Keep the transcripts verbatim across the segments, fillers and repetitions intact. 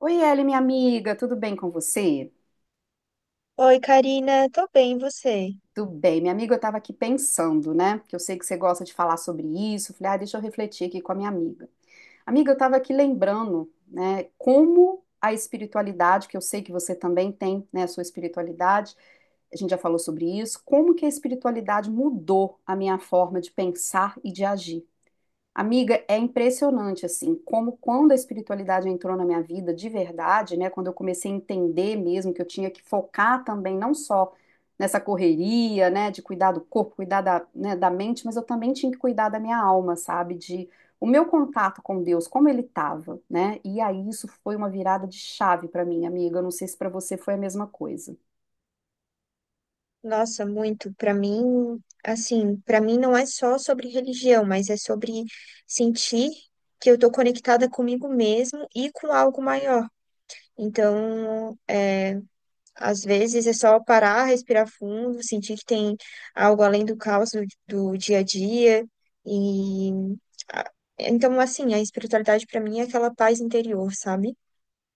Oi, Eli, minha amiga, tudo bem com você? Oi, Karina, tô bem, e você? Tudo bem, minha amiga, eu estava aqui pensando, né? Que eu sei que você gosta de falar sobre isso. Falei, ah, deixa eu refletir aqui com a minha amiga. Amiga, eu estava aqui lembrando, né, como a espiritualidade, que eu sei que você também tem, né, a sua espiritualidade, a gente já falou sobre isso, como que a espiritualidade mudou a minha forma de pensar e de agir. Amiga, é impressionante assim, como quando a espiritualidade entrou na minha vida de verdade, né, quando eu comecei a entender mesmo que eu tinha que focar também não só nessa correria, né, de cuidar do corpo, cuidar da, né, da mente, mas eu também tinha que cuidar da minha alma, sabe, de o meu contato com Deus, como ele estava, né? E aí isso foi uma virada de chave para mim, amiga. Eu não sei se para você foi a mesma coisa. Nossa, muito. Pra mim, assim, pra mim não é só sobre religião, mas é sobre sentir que eu tô conectada comigo mesmo e com algo maior. Então, é, às vezes é só parar, respirar fundo, sentir que tem algo além do caos do, do dia a dia e a- então, assim, a espiritualidade pra mim é aquela paz interior, sabe?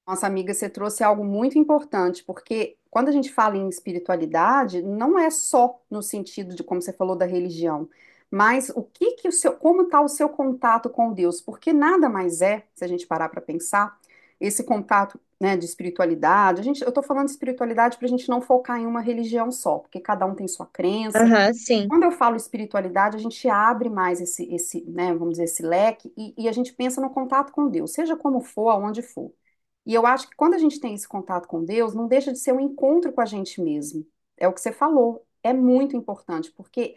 Nossa amiga, você trouxe algo muito importante, porque quando a gente fala em espiritualidade, não é só no sentido de como você falou da religião, mas o que que o seu, como está o seu contato com Deus? Porque nada mais é, se a gente parar para pensar, esse contato, né, de espiritualidade. A gente, eu estou falando de espiritualidade para a gente não focar em uma religião só, porque cada um tem sua crença, Aham, sim, quando eu falo espiritualidade, a gente abre mais esse, esse, né, vamos dizer, esse leque e, e a gente pensa no contato com Deus, seja como for, aonde for. E eu acho que quando a gente tem esse contato com Deus, não deixa de ser um encontro com a gente mesmo. É o que você falou, é muito importante, porque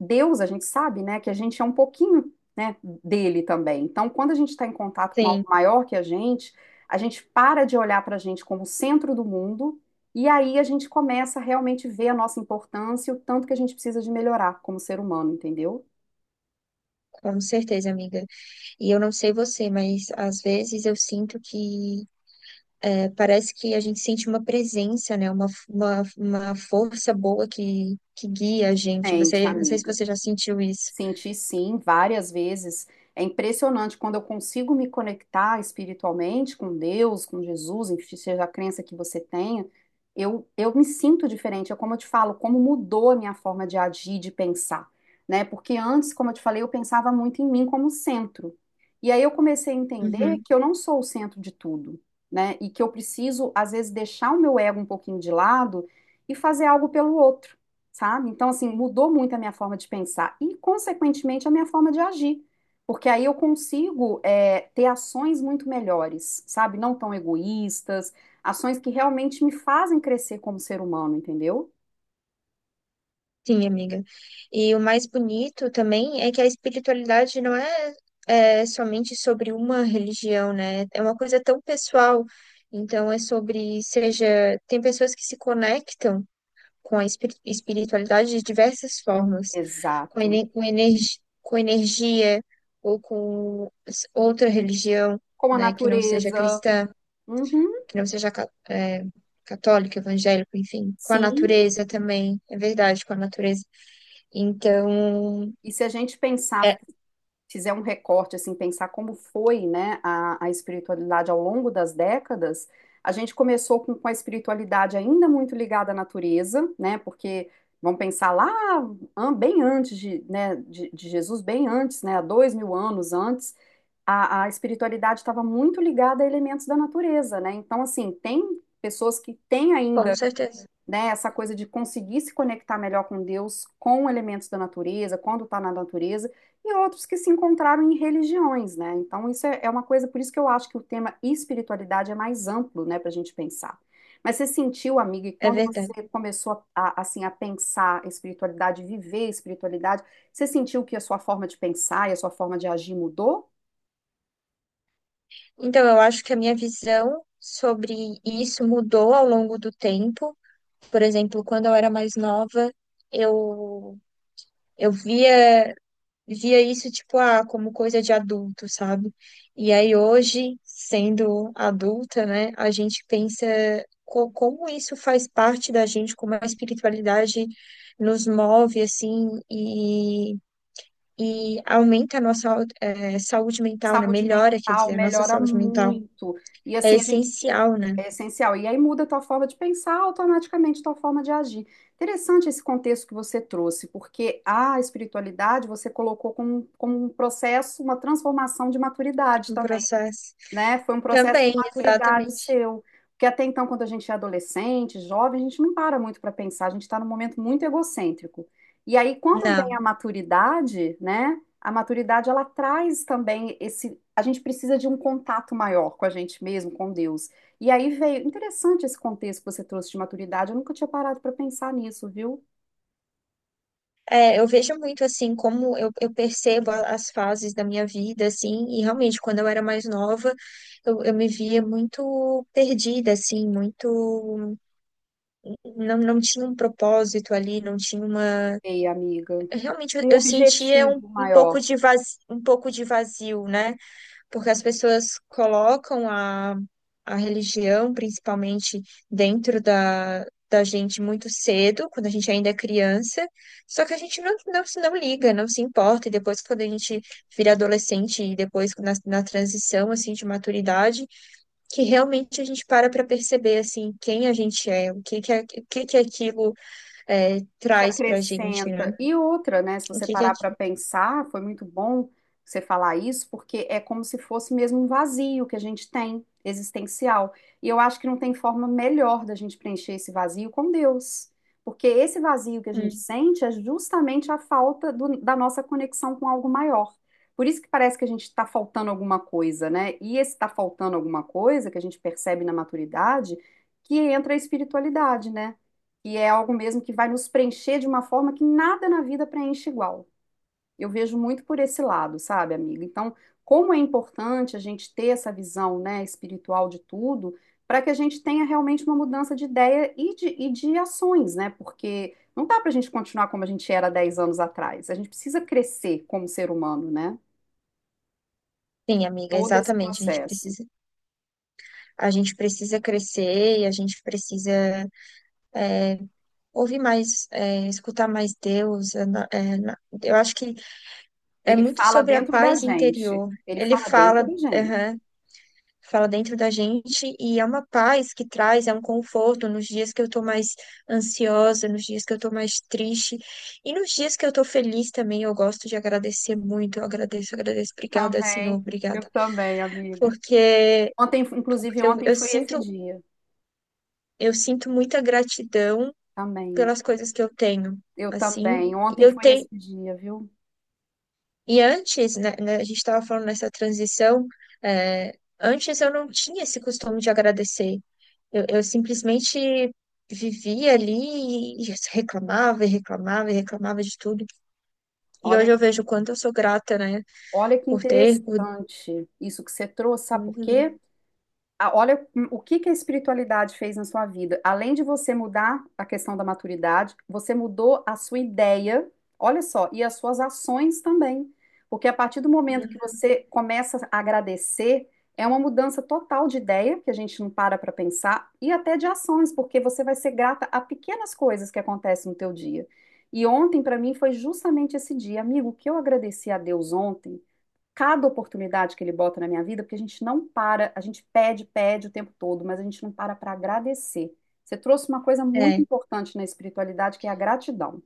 Deus, a gente sabe, né, que a gente é um pouquinho, né, dele também. Então, quando a gente está em contato com algo sim, maior que a gente, a gente para de olhar para a gente como o centro do mundo e aí a gente começa a realmente ver a nossa importância e o tanto que a gente precisa de melhorar como ser humano, entendeu? com certeza, amiga. E eu não sei você, mas às vezes eu sinto que é, parece que a gente sente uma presença, né? Uma, uma, uma força boa que, que guia a gente. Gente, Você, não sei se amiga. você já sentiu isso. Senti sim, várias vezes. É impressionante quando eu consigo me conectar espiritualmente com Deus, com Jesus, enfim, seja a crença que você tenha, eu, eu me sinto diferente. É como eu te falo, como mudou a minha forma de agir, de pensar, né? Porque antes, como eu te falei, eu pensava muito em mim como centro. E aí eu comecei a entender Uhum. que eu não sou o centro de tudo, né? E que eu preciso, às vezes, deixar o meu ego um pouquinho de lado e fazer algo pelo outro sabe? Então, assim, mudou muito a minha forma de pensar e, consequentemente, a minha forma de agir. Porque aí eu consigo é, ter ações muito melhores, sabe? Não tão egoístas, ações que realmente me fazem crescer como ser humano, entendeu? Sim, amiga. E o mais bonito também é que a espiritualidade não é, é somente sobre uma religião, né? É uma coisa tão pessoal. Então, é sobre, seja, tem pessoas que se conectam com a espir- espiritualidade de diversas formas, com, Exato. ene- com, energi- com energia ou com s- outra religião, Com a né, que não seja natureza. cristã, Uhum, não seja ca- é, católico, evangélico, enfim, com a sim. natureza também, é verdade, com a natureza. Então, E se a gente pensar é, fizer um recorte, assim, pensar como foi, né, a, a espiritualidade ao longo das décadas, a gente começou com, com a espiritualidade ainda muito ligada à natureza, né, porque vamos pensar lá bem antes de, né, de, de Jesus, bem antes, né, há dois mil anos antes, a, a espiritualidade estava muito ligada a elementos da natureza, né, então, assim, tem pessoas que têm com ainda certeza, né? Essa coisa de conseguir se conectar melhor com Deus, com elementos da natureza, quando está na natureza, e outros que se encontraram em religiões, né? Então, isso é é uma coisa, por isso que eu acho que o tema espiritualidade é mais amplo, né, para a gente pensar. Mas você sentiu, amiga, e é quando verdade. você começou a, a- assim, a pensar espiritualidade, viver espiritualidade, você sentiu que a sua forma de pensar e a sua forma de agir mudou? Então, eu acho que a minha visão sobre isso mudou ao longo do tempo. Por exemplo, quando eu era mais nova, eu, eu via. Via isso, tipo, ah, como coisa de adulto, sabe? E aí hoje, sendo adulta, né, a gente pensa co- como isso faz parte da gente, como a espiritualidade nos move, assim, e, e aumenta a nossa, au- eh, saúde mental, né? Saúde Melhora, quer mental dizer, a nossa melhora saúde mental. muito. E É assim, a gente essencial, né, é essencial. E aí muda a tua forma de pensar, automaticamente a tua forma de agir. Interessante esse contexto que você trouxe, porque a espiritualidade você colocou como, como um processo, uma transformação de maturidade. no Então, processo. né? Foi um processo Também, de maturidade exatamente. seu. Porque até então, quando a gente é adolescente, jovem, a gente não para muito para pensar, a gente está num momento muito egocêntrico. E aí, quando vem a Não. maturidade, né? A maturidade ela traz também esse. A gente precisa de um contato maior com a gente mesmo, com Deus. E aí veio. Interessante esse contexto que você trouxe de maturidade. Eu nunca tinha parado para pensar nisso, viu? É, eu vejo muito assim como eu, eu percebo a- as fases da minha vida, assim, e realmente quando eu era mais nova, eu, eu me via muito perdida, assim, muito. Não, não tinha um propósito ali, não tinha uma. Ei, amiga. Realmente eu, Um eu sentia um, objetivo um pouco maior. de vazio, um pouco de vazio, né? Porque as pessoas colocam a, a religião, principalmente, dentro da, da gente muito cedo, quando a gente ainda é criança, só que a gente não, não, se- não liga, não se importa, e depois, quando a gente vira adolescente, e depois na, na transição, assim, de maturidade, que realmente a gente para para perceber, assim, quem a gente é, o que que, é- o que, que aquilo é, Te traz pra gente, né? acrescenta. E outra, né? Se O você que que é... parar para pensar, foi muito bom você falar isso, porque é como se fosse mesmo um vazio que a gente tem, existencial. E eu acho que não tem forma melhor da gente preencher esse vazio com Deus. Porque esse vazio que a gente Hum. sente é justamente a falta do- da nossa conexão com algo maior. Por isso que parece que a gente está faltando alguma coisa, né? E esse está faltando alguma coisa que a gente percebe na maturidade, que entra a espiritualidade, né? Que é algo mesmo que vai nos preencher de uma forma que nada na vida preenche igual. Eu vejo muito por esse lado, sabe, amiga? Então, como é importante a gente ter essa visão, né, espiritual de tudo, para que a gente tenha realmente uma mudança de ideia e de, e de ações, né? Porque não dá para a gente continuar como a gente era dez anos atrás. A gente precisa crescer como ser humano, né? Sim, amiga, Todo esse exatamente, a gente processo. precisa a gente precisa crescer e a gente precisa ouvir mais, é, escutar mais Deus. É, na- é, na- eu acho que é Ele muito fala sobre a dentro da paz gente. interior. Ele Ele fala dentro fala, da gente. aham, fala dentro da gente e é uma paz que traz, é um conforto nos dias que eu tô mais ansiosa, nos dias que eu tô mais triste e nos dias que eu tô feliz também. Eu gosto de agradecer muito. Eu agradeço, agradeço. Obrigada, Senhor, Também, obrigada. eu também, amiga. Porque, Ontem, inclusive, porque eu ontem eu foi esse sinto. dia Eu sinto muita gratidão também. pelas coisas que eu tenho, Eu assim. também. E Ontem eu foi esse tenho. dia, viu? E antes, né, né, a gente estava falando nessa transição, é, antes eu não tinha esse costume de agradecer. Eu, eu simplesmente vivia ali e reclamava e reclamava e reclamava de tudo. E Olha, hoje eu vejo o quanto eu sou grata, né, olha que por ter, por... interessante isso que você trouxe, sabe por Uhum. quê? A- olha o que que a espiritualidade fez na sua vida. Além de você mudar a questão da maturidade, você mudou a sua ideia, olha só, e as suas ações também. Porque a partir do momento que você começa a agradecer, é uma mudança total de ideia, que a gente não para para pensar, e até de ações, porque você vai ser grata a pequenas coisas que acontecem no teu dia. E ontem, para mim, foi justamente esse dia. Amigo, o que eu agradeci a Deus ontem? Cada oportunidade que ele bota na minha vida, porque a gente não para, a gente pede, pede o tempo todo, mas a gente não para para agradecer. Você trouxe uma coisa muito É, importante na espiritualidade, que é a gratidão.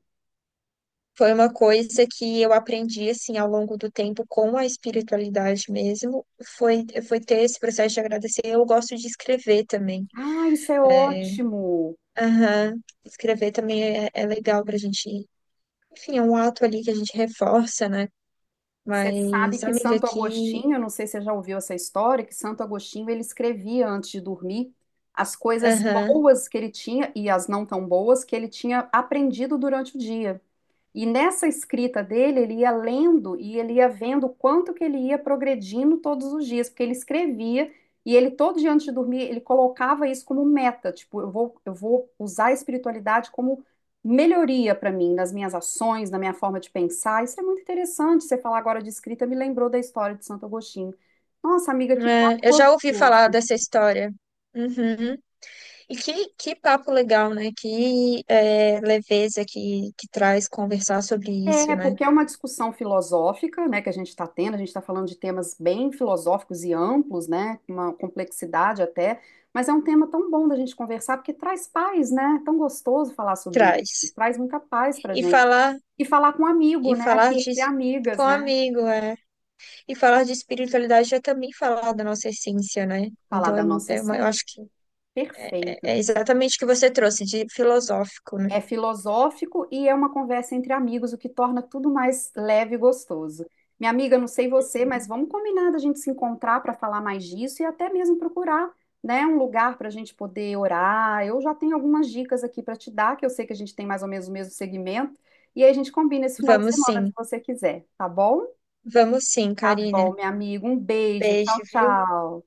foi uma coisa que eu aprendi assim ao longo do tempo com a espiritualidade mesmo, foi foi ter esse processo de agradecer. Eu gosto de escrever também. Ah, isso é É, ótimo! aham. Escrever também é, é legal pra gente. Enfim, é um ato ali que a gente reforça, né? Você sabe Mas, que amiga, Santo aqui. Agostinho, eu não sei se você já ouviu essa história, que Santo Agostinho ele escrevia antes de dormir as coisas Aham. boas que ele tinha e as não tão boas que ele tinha aprendido durante o dia. E nessa escrita dele, ele ia lendo e ele ia vendo o quanto que ele ia progredindo todos os dias, porque ele escrevia e ele todo dia antes de dormir, ele colocava isso como meta, tipo, eu vou, eu vou usar a espiritualidade como melhoria para mim, nas minhas ações, na minha forma de pensar. Isso é muito interessante, você falar agora de escrita me lembrou da história de Santo Agostinho. Nossa, amiga, que É, eu já papo ouvi falar gostoso. dessa história. Uhum. E que, que papo legal, né? Que é, leveza que, que traz conversar sobre isso, É, né? porque é uma discussão filosófica, né, que a gente está tendo, a gente está falando de temas bem filosóficos e amplos, né, com uma complexidade até, mas é um tema tão bom da gente conversar, porque traz paz, né, é tão gostoso falar sobre isso, Traz. traz muita paz pra E gente. falar, E falar com um amigo, e né, falar aqui de. entre Com amigas, né, amigo, é. E falar de espiritualidade é também falar da nossa essência, né? falar Então, da nossa é, é uma- eu essência, acho que perfeito. é exatamente o que você trouxe de filosófico, né? É filosófico e é uma conversa entre amigos, o que torna tudo mais leve e gostoso. Minha amiga, não sei você, mas Uhum. vamos combinar da gente se encontrar para falar mais disso e até mesmo procurar, né, um lugar para a gente poder orar. Eu já tenho algumas dicas aqui para te dar, que eu sei que a gente tem mais ou menos o mesmo segmento, e aí a gente combina esse final de Vamos semana, se sim, você quiser, tá bom? vamos sim, Tá Karina. bom, minha amiga, um Um beijo, tchau, beijo, viu? tchau.